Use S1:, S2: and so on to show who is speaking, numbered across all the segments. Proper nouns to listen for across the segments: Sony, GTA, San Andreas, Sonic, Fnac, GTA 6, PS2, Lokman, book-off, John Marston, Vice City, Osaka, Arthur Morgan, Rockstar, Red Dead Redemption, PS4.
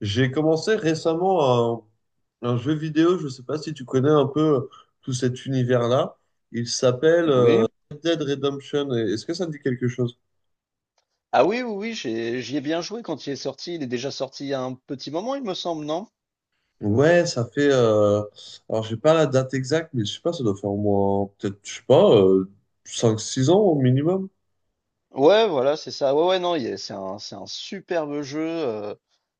S1: J'ai commencé récemment un jeu vidéo, je ne sais pas si tu connais un peu tout cet univers-là. Il s'appelle
S2: Oui.
S1: Red Dead Redemption. Est-ce que ça te dit quelque chose?
S2: Ah oui, oui, oui, j'y ai bien joué quand il est sorti. Il est déjà sorti il y a un petit moment, il me semble, non?
S1: Ouais, ça fait... alors, j'ai pas la date exacte, mais je sais pas, ça doit faire au moins, peut-être, je sais pas, 5, 6 ans au minimum.
S2: Ouais, voilà, c'est ça. Ouais, ouais, non, c'est un superbe jeu.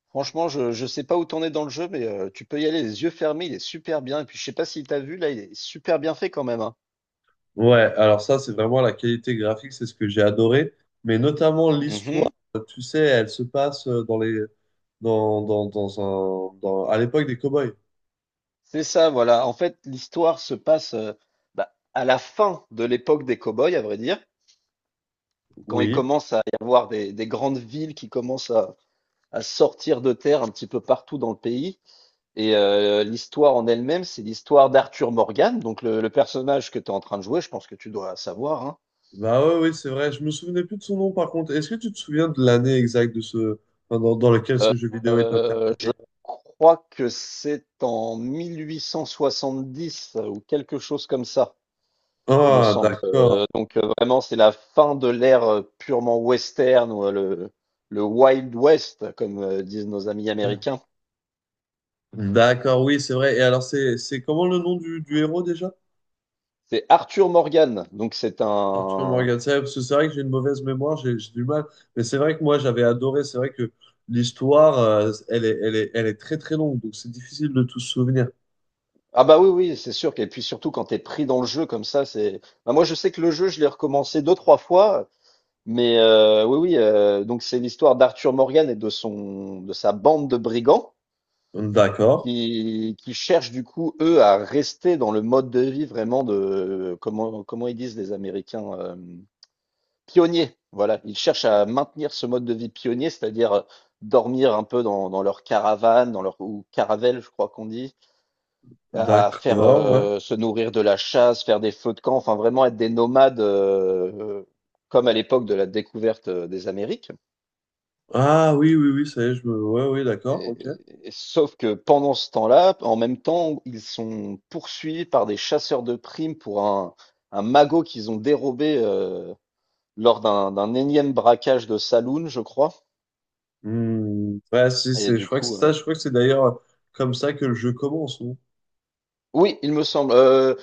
S2: Franchement, je sais pas où t'en es dans le jeu, mais tu peux y aller les yeux fermés, il est super bien. Et puis, je sais pas si t'as vu, là, il est super bien fait quand même, hein.
S1: Ouais, alors ça, c'est vraiment la qualité graphique, c'est ce que j'ai adoré. Mais notamment l'histoire,
S2: Mhm.
S1: tu sais, elle se passe dans les... Dans, dans, dans un, dans, à l'époque des cow-boys.
S2: C'est ça, voilà. En fait, l'histoire se passe bah, à la fin de l'époque des cow-boys, à vrai dire, quand il
S1: Oui.
S2: commence à y avoir des grandes villes qui commencent à sortir de terre un petit peu partout dans le pays. Et l'histoire en elle-même, c'est l'histoire d'Arthur Morgan, donc le personnage que tu es en train de jouer, je pense que tu dois savoir, hein.
S1: Bah ouais, oui, c'est vrai. Je me souvenais plus de son nom, par contre. Est-ce que tu te souviens de l'année exacte de ce... enfin, dans, dans lequel
S2: Euh,
S1: ce jeu vidéo est
S2: euh, je
S1: interprété?
S2: crois que c'est en 1870, ou quelque chose comme ça, me
S1: Ah,
S2: semble. Euh,
S1: d'accord.
S2: donc euh, vraiment, c'est la fin de l'ère purement western, ou, le Wild West, comme disent nos amis américains.
S1: D'accord, oui, c'est vrai. Et alors, c'est comment le nom du héros déjà?
S2: C'est Arthur Morgan, donc
S1: Arthur Morgan. C'est parce que c'est vrai que j'ai une mauvaise mémoire, j'ai du mal. Mais c'est vrai que moi, j'avais adoré. C'est vrai que l'histoire, elle est très très longue, donc c'est difficile de tout se souvenir.
S2: ah bah oui, oui, c'est sûr. Et puis surtout quand t'es pris dans le jeu comme ça, c'est. Bah moi je sais que le jeu, je l'ai recommencé deux, trois fois, mais oui, oui. Donc c'est l'histoire d'Arthur Morgan et de sa bande de brigands
S1: D'accord,
S2: qui cherchent du coup, eux, à rester dans le mode de vie vraiment de comment ils disent les Américains, pionniers. Voilà. Ils cherchent à maintenir ce mode de vie pionnier, c'est-à-dire dormir un peu dans leur caravane, dans leur ou caravelle, je crois qu'on dit, à faire
S1: d'accord, ouais.
S2: se nourrir de la chasse, faire des feux de camp, enfin vraiment être des nomades comme à l'époque de la découverte des Amériques.
S1: Ah oui, oui, oui, ça y est, je me... Ouais, oui, d'accord,
S2: Et-
S1: ok.
S2: Sauf que pendant ce temps-là, en même temps, ils sont poursuivis par des chasseurs de primes pour un magot qu'ils ont dérobé, lors d'un énième braquage de saloon, je crois.
S1: Hmm, ouais, si,
S2: Et
S1: c'est, je
S2: du
S1: crois que c'est
S2: coup,
S1: ça, je crois que c'est d'ailleurs comme ça que le jeu commence, non?
S2: oui, il me semble. Euh,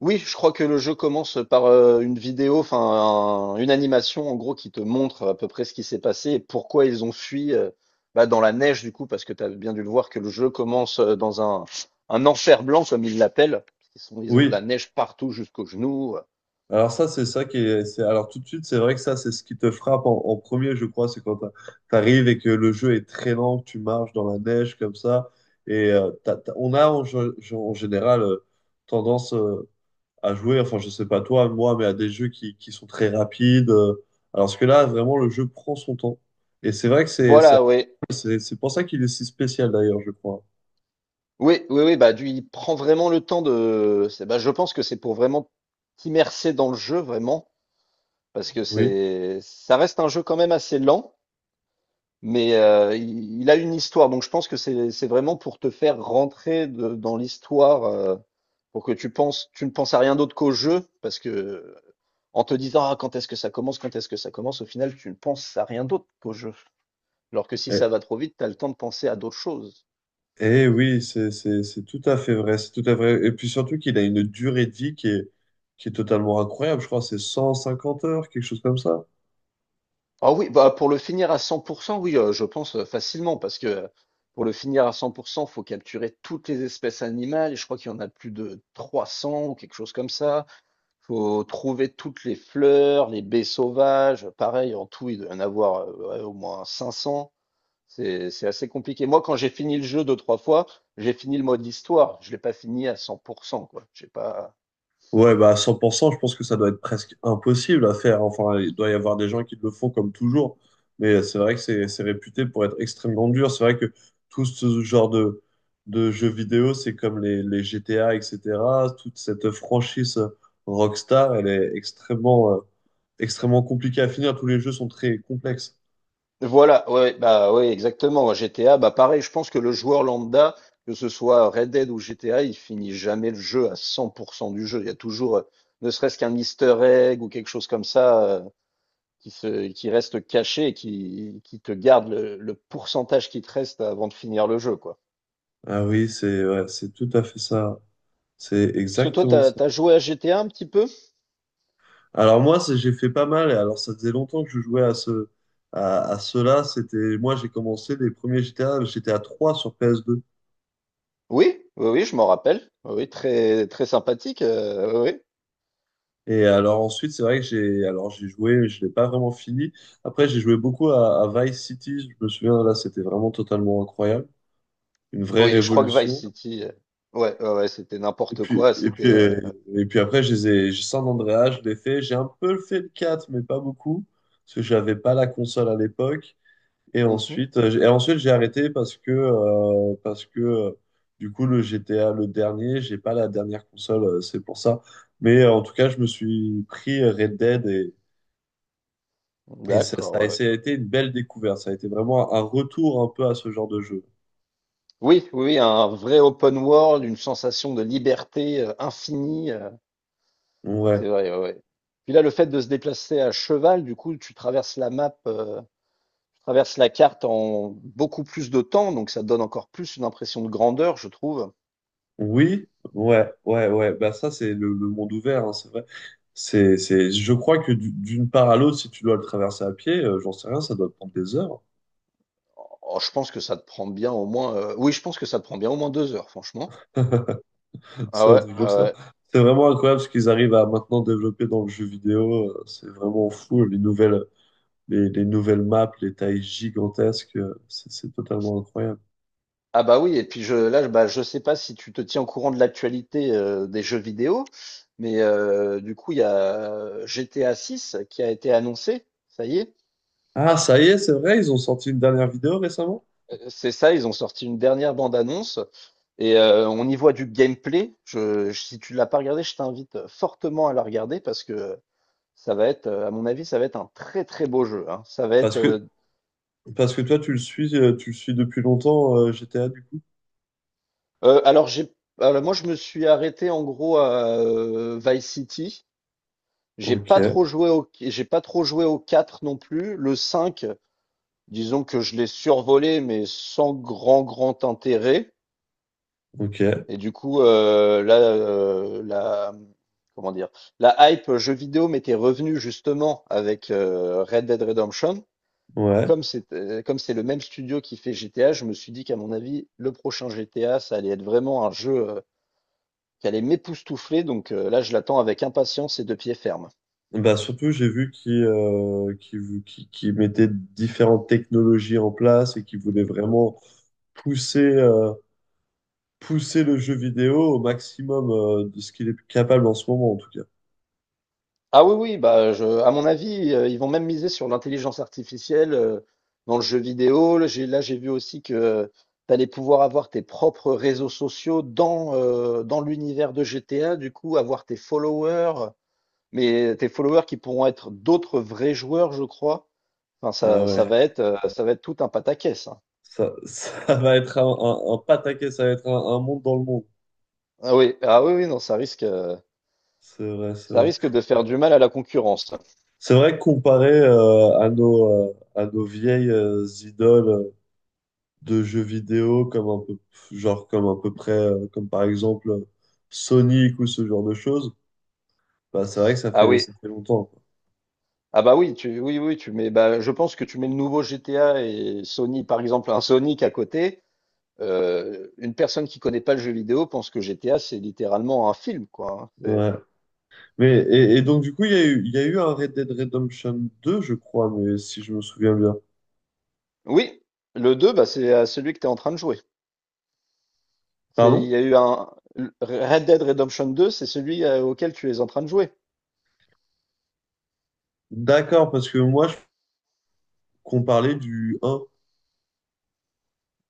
S2: Oui, je crois que le jeu commence par, une vidéo, enfin un une animation en gros qui te montre à peu près ce qui s'est passé et pourquoi ils ont fui, bah, dans la neige, du coup, parce que tu as bien dû le voir que le jeu commence, dans un enfer blanc comme ils l'appellent. Ils ont de
S1: Oui,
S2: la neige partout jusqu'aux genoux,
S1: alors ça, c'est ça qui est, c'est, alors tout de suite, c'est vrai que ça, c'est ce qui te frappe en premier, je crois, c'est quand t'arrives et que le jeu est très lent, que tu marches dans la neige comme ça, et on a en général tendance à jouer, enfin, je sais pas toi, moi, mais à des jeux qui sont très rapides, alors que là, vraiment, le jeu prend son temps, et c'est vrai que c'est, c'est,
S2: voilà, ouais.
S1: c'est c'est pour ça qu'il est si spécial d'ailleurs, je crois.
S2: Oui, oui, oui, bah, du il prend vraiment le temps je pense que c'est pour vraiment t'immerger dans le jeu, vraiment, parce que
S1: Oui.
S2: c'est ça reste un jeu quand même assez lent. Mais il a une histoire, donc je pense que c'est vraiment pour te faire rentrer de dans l'histoire, pour que tu ne penses à rien d'autre qu'au jeu parce que, en te disant: «Ah, quand est-ce que ça commence? Quand est-ce que ça commence?» au final, tu ne penses à rien d'autre qu'au jeu. Alors que si ça va trop vite, tu as le temps de penser à d'autres choses.
S1: Eh oui, c'est tout à fait vrai, c'est tout à fait vrai. Et puis surtout qu'il a une durée de vie qui est totalement incroyable. Je crois que c'est 150 heures, quelque chose comme ça.
S2: Ah oui, bah, pour le finir à 100, oui, je pense, facilement, parce que, pour le finir à 100 faut capturer toutes les espèces animales, et je crois qu'il y en a plus de 300 ou quelque chose comme ça. Faut trouver toutes les fleurs, les baies sauvages. Pareil, en tout, il doit y en avoir ouais, au moins 500. C'est assez compliqué. Moi, quand j'ai fini le jeu deux, trois fois, j'ai fini le mode histoire. Je l'ai pas fini à 100%, quoi. J'ai pas.
S1: Ouais, bah à 100%. Je pense que ça doit être presque impossible à faire. Enfin, il doit y avoir des gens qui le font comme toujours. Mais c'est vrai que c'est réputé pour être extrêmement dur. C'est vrai que tout ce genre de jeux vidéo, c'est comme les GTA, etc. Toute cette franchise Rockstar, elle est extrêmement, extrêmement compliquée à finir. Tous les jeux sont très complexes.
S2: Voilà, ouais, bah ouais, exactement. GTA, bah pareil, je pense que le joueur lambda, que ce soit Red Dead ou GTA, il finit jamais le jeu à 100% du jeu. Il y a toujours, ne serait-ce qu'un Easter egg ou quelque chose comme ça, qui reste caché et qui te garde le pourcentage qui te reste avant de finir le jeu, quoi.
S1: Ah oui, c'est ouais, c'est tout à fait ça. C'est
S2: Parce que toi,
S1: exactement ça.
S2: t'as joué à GTA un petit peu?
S1: Alors moi, j'ai fait pas mal. Et alors ça faisait longtemps que je jouais à cela. C'était moi, j'ai commencé les premiers GTA. J'étais à 3 sur PS2.
S2: Oui, oui, oui, je m'en rappelle. Oui, oui, très, très sympathique. Oui, oui.
S1: Et alors ensuite, c'est vrai que j'ai joué, mais je l'ai pas vraiment fini. Après, j'ai joué beaucoup à Vice City. Je me souviens là, c'était vraiment totalement incroyable, une vraie
S2: Oui, je crois que Vice
S1: révolution.
S2: City, ouais, ouais, ouais, c'était
S1: Et
S2: n'importe
S1: puis,
S2: quoi.
S1: et puis,
S2: C'était.
S1: euh, et puis après, j'ai San Andreas, je l'ai fait. J'ai un peu fait le 4 mais pas beaucoup, parce que j'avais pas la console à l'époque. Et
S2: Mhm,
S1: ensuite, et ensuite j'ai arrêté parce que, du coup, le GTA, le dernier, j'ai pas la dernière console, c'est pour ça. Mais en tout cas, je me suis pris Red Dead et ça,
S2: d'accord,
S1: ça a
S2: ouais, ouais.
S1: ça a été une belle découverte. Ça a été vraiment un retour un peu à ce genre de jeu.
S2: Oui, oui, oui, un vrai open world, une sensation de liberté infinie. euh,
S1: Ouais.
S2: c'est vrai. Ouais, ouais. Puis là, le fait de se déplacer à cheval, du coup, tu traverses la map. Traverse la carte en beaucoup plus de temps, donc ça donne encore plus une impression de grandeur, je trouve.
S1: Oui, ouais, ouais, ouais. Bah ça, c'est le monde ouvert, hein, c'est vrai. Je crois que d'une part à l'autre, si tu dois le traverser à pied, j'en sais rien, ça doit prendre des heures.
S2: Oh, je pense que ça te prend bien au moins, oui, je pense que ça te prend bien au moins 2 heures, franchement. Ah
S1: C'est un
S2: ouais,
S1: truc comme
S2: ah
S1: ça.
S2: ouais.
S1: C'est vraiment incroyable ce qu'ils arrivent à maintenant développer dans le jeu vidéo. C'est vraiment fou. Les nouvelles maps, les tailles gigantesques, c'est totalement incroyable.
S2: Ah bah oui, et puis là, bah, je sais pas si tu te tiens au courant de l'actualité, des jeux vidéo, mais du coup, il y a GTA 6 qui a été annoncé, ça y est.
S1: Ah, ça y est, c'est vrai, ils ont sorti une dernière vidéo récemment.
S2: C'est ça, ils ont sorti une dernière bande-annonce et on y voit du gameplay. Si tu l'as pas regardé, je t'invite fortement à la regarder, parce que à mon avis, ça va être un très très beau jeu, hein. Ça va être.
S1: Parce que, parce que toi, tu le suis depuis longtemps, GTA, du coup.
S2: Alors j'ai, alors moi je me suis arrêté en gros à Vice City. J'ai
S1: Ok,
S2: pas trop joué au, j'ai pas trop joué au 4 non plus. Le 5, disons que je l'ai survolé, mais sans grand grand intérêt.
S1: ok,
S2: Et du coup, là, comment dire, la hype jeu vidéo m'était revenue justement avec Red Dead Redemption.
S1: ouais.
S2: Comme c'est le même studio qui fait GTA, je me suis dit qu'à mon avis, le prochain GTA, ça allait être vraiment un jeu, qui allait m'époustoufler, donc là, je l'attends avec impatience et de pied ferme.
S1: Bah surtout, j'ai vu qu'ils mettaient différentes technologies en place et qu'ils voulaient vraiment pousser, euh, pousser le jeu vidéo au maximum de ce qu'il est capable en ce moment, en tout cas.
S2: Ah oui, oui, bah, je à mon avis, ils vont même miser sur l'intelligence artificielle, dans le jeu vidéo. Là, j'ai vu aussi que tu allais pouvoir avoir tes propres réseaux sociaux dans, dans l'univers de GTA, du coup, avoir tes followers, mais tes followers qui pourront être d'autres vrais joueurs, je crois. Enfin,
S1: Ah ouais,
S2: ça va être tout un pataquès, hein.
S1: ça va être un pataquès, ça va être un monde dans le monde.
S2: Ah oui, ah oui, oui, non,
S1: C'est vrai, c'est
S2: ça
S1: vrai.
S2: risque de faire du mal à la concurrence.
S1: C'est vrai que comparé à nos vieilles idoles de jeux vidéo, comme un peu, genre comme à peu près, comme par exemple Sonic ou ce genre de choses, bah, c'est vrai que ça
S2: Ah
S1: fait,
S2: oui,
S1: ça fait longtemps, quoi.
S2: ah bah oui, oui, oui, bah, je pense que tu mets le nouveau GTA et Sony, par exemple, un Sonic à côté. Une personne qui connaît pas le jeu vidéo pense que GTA, c'est littéralement un film, quoi, hein.
S1: Ouais. Mais, et donc, du coup, il y a eu un Red Dead Redemption 2 je crois, mais si je me souviens bien.
S2: Oui, le deux, bah, c'est celui que tu es en train de jouer. Il
S1: Pardon?
S2: y a eu un Red Dead Redemption 2, c'est celui auquel tu es en train de jouer.
S1: D'accord, parce que moi, qu'on parlait du un.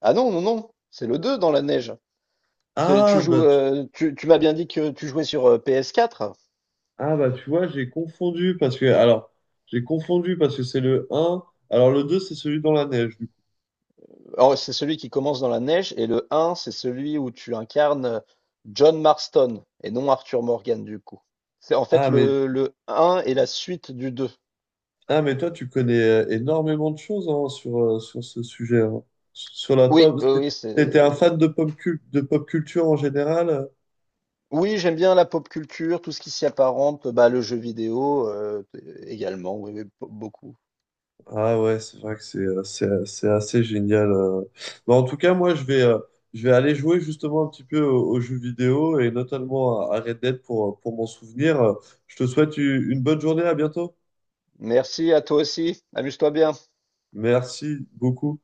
S2: Ah non, non, non, c'est le 2 dans la neige.
S1: Ah,
S2: Tu joues,
S1: bah, tu-
S2: tu m'as bien dit que tu jouais sur PS4.
S1: ah, bah tu vois, j'ai confondu, parce que, alors, j'ai confondu, parce que c'est le un. Alors, le 2 c'est celui dans la neige, du coup.
S2: Alors, c'est celui qui commence dans la neige et le 1, c'est celui où tu incarnes John Marston et non Arthur Morgan, du coup. C'est en fait
S1: Ah, mais,
S2: le 1 et la suite du 2.
S1: ah, mais toi, tu connais énormément de choses hein, sur ce sujet, hein. Sur la
S2: Oui,
S1: pop.
S2: oui,
S1: T'étais un
S2: c'est.
S1: fan de pop culture en général?
S2: Oui, j'aime bien la pop culture, tout ce qui s'y apparente, bah, le jeu vidéo, également, oui, oui, beaucoup.
S1: Ah ouais, c'est vrai que c'est assez génial. Mais en tout cas, moi, je vais aller jouer justement un petit peu aux jeux vidéo et notamment à Red Dead pour m'en souvenir. Je te souhaite une bonne journée, à bientôt.
S2: Merci à toi aussi. Amuse-toi bien.
S1: Merci beaucoup.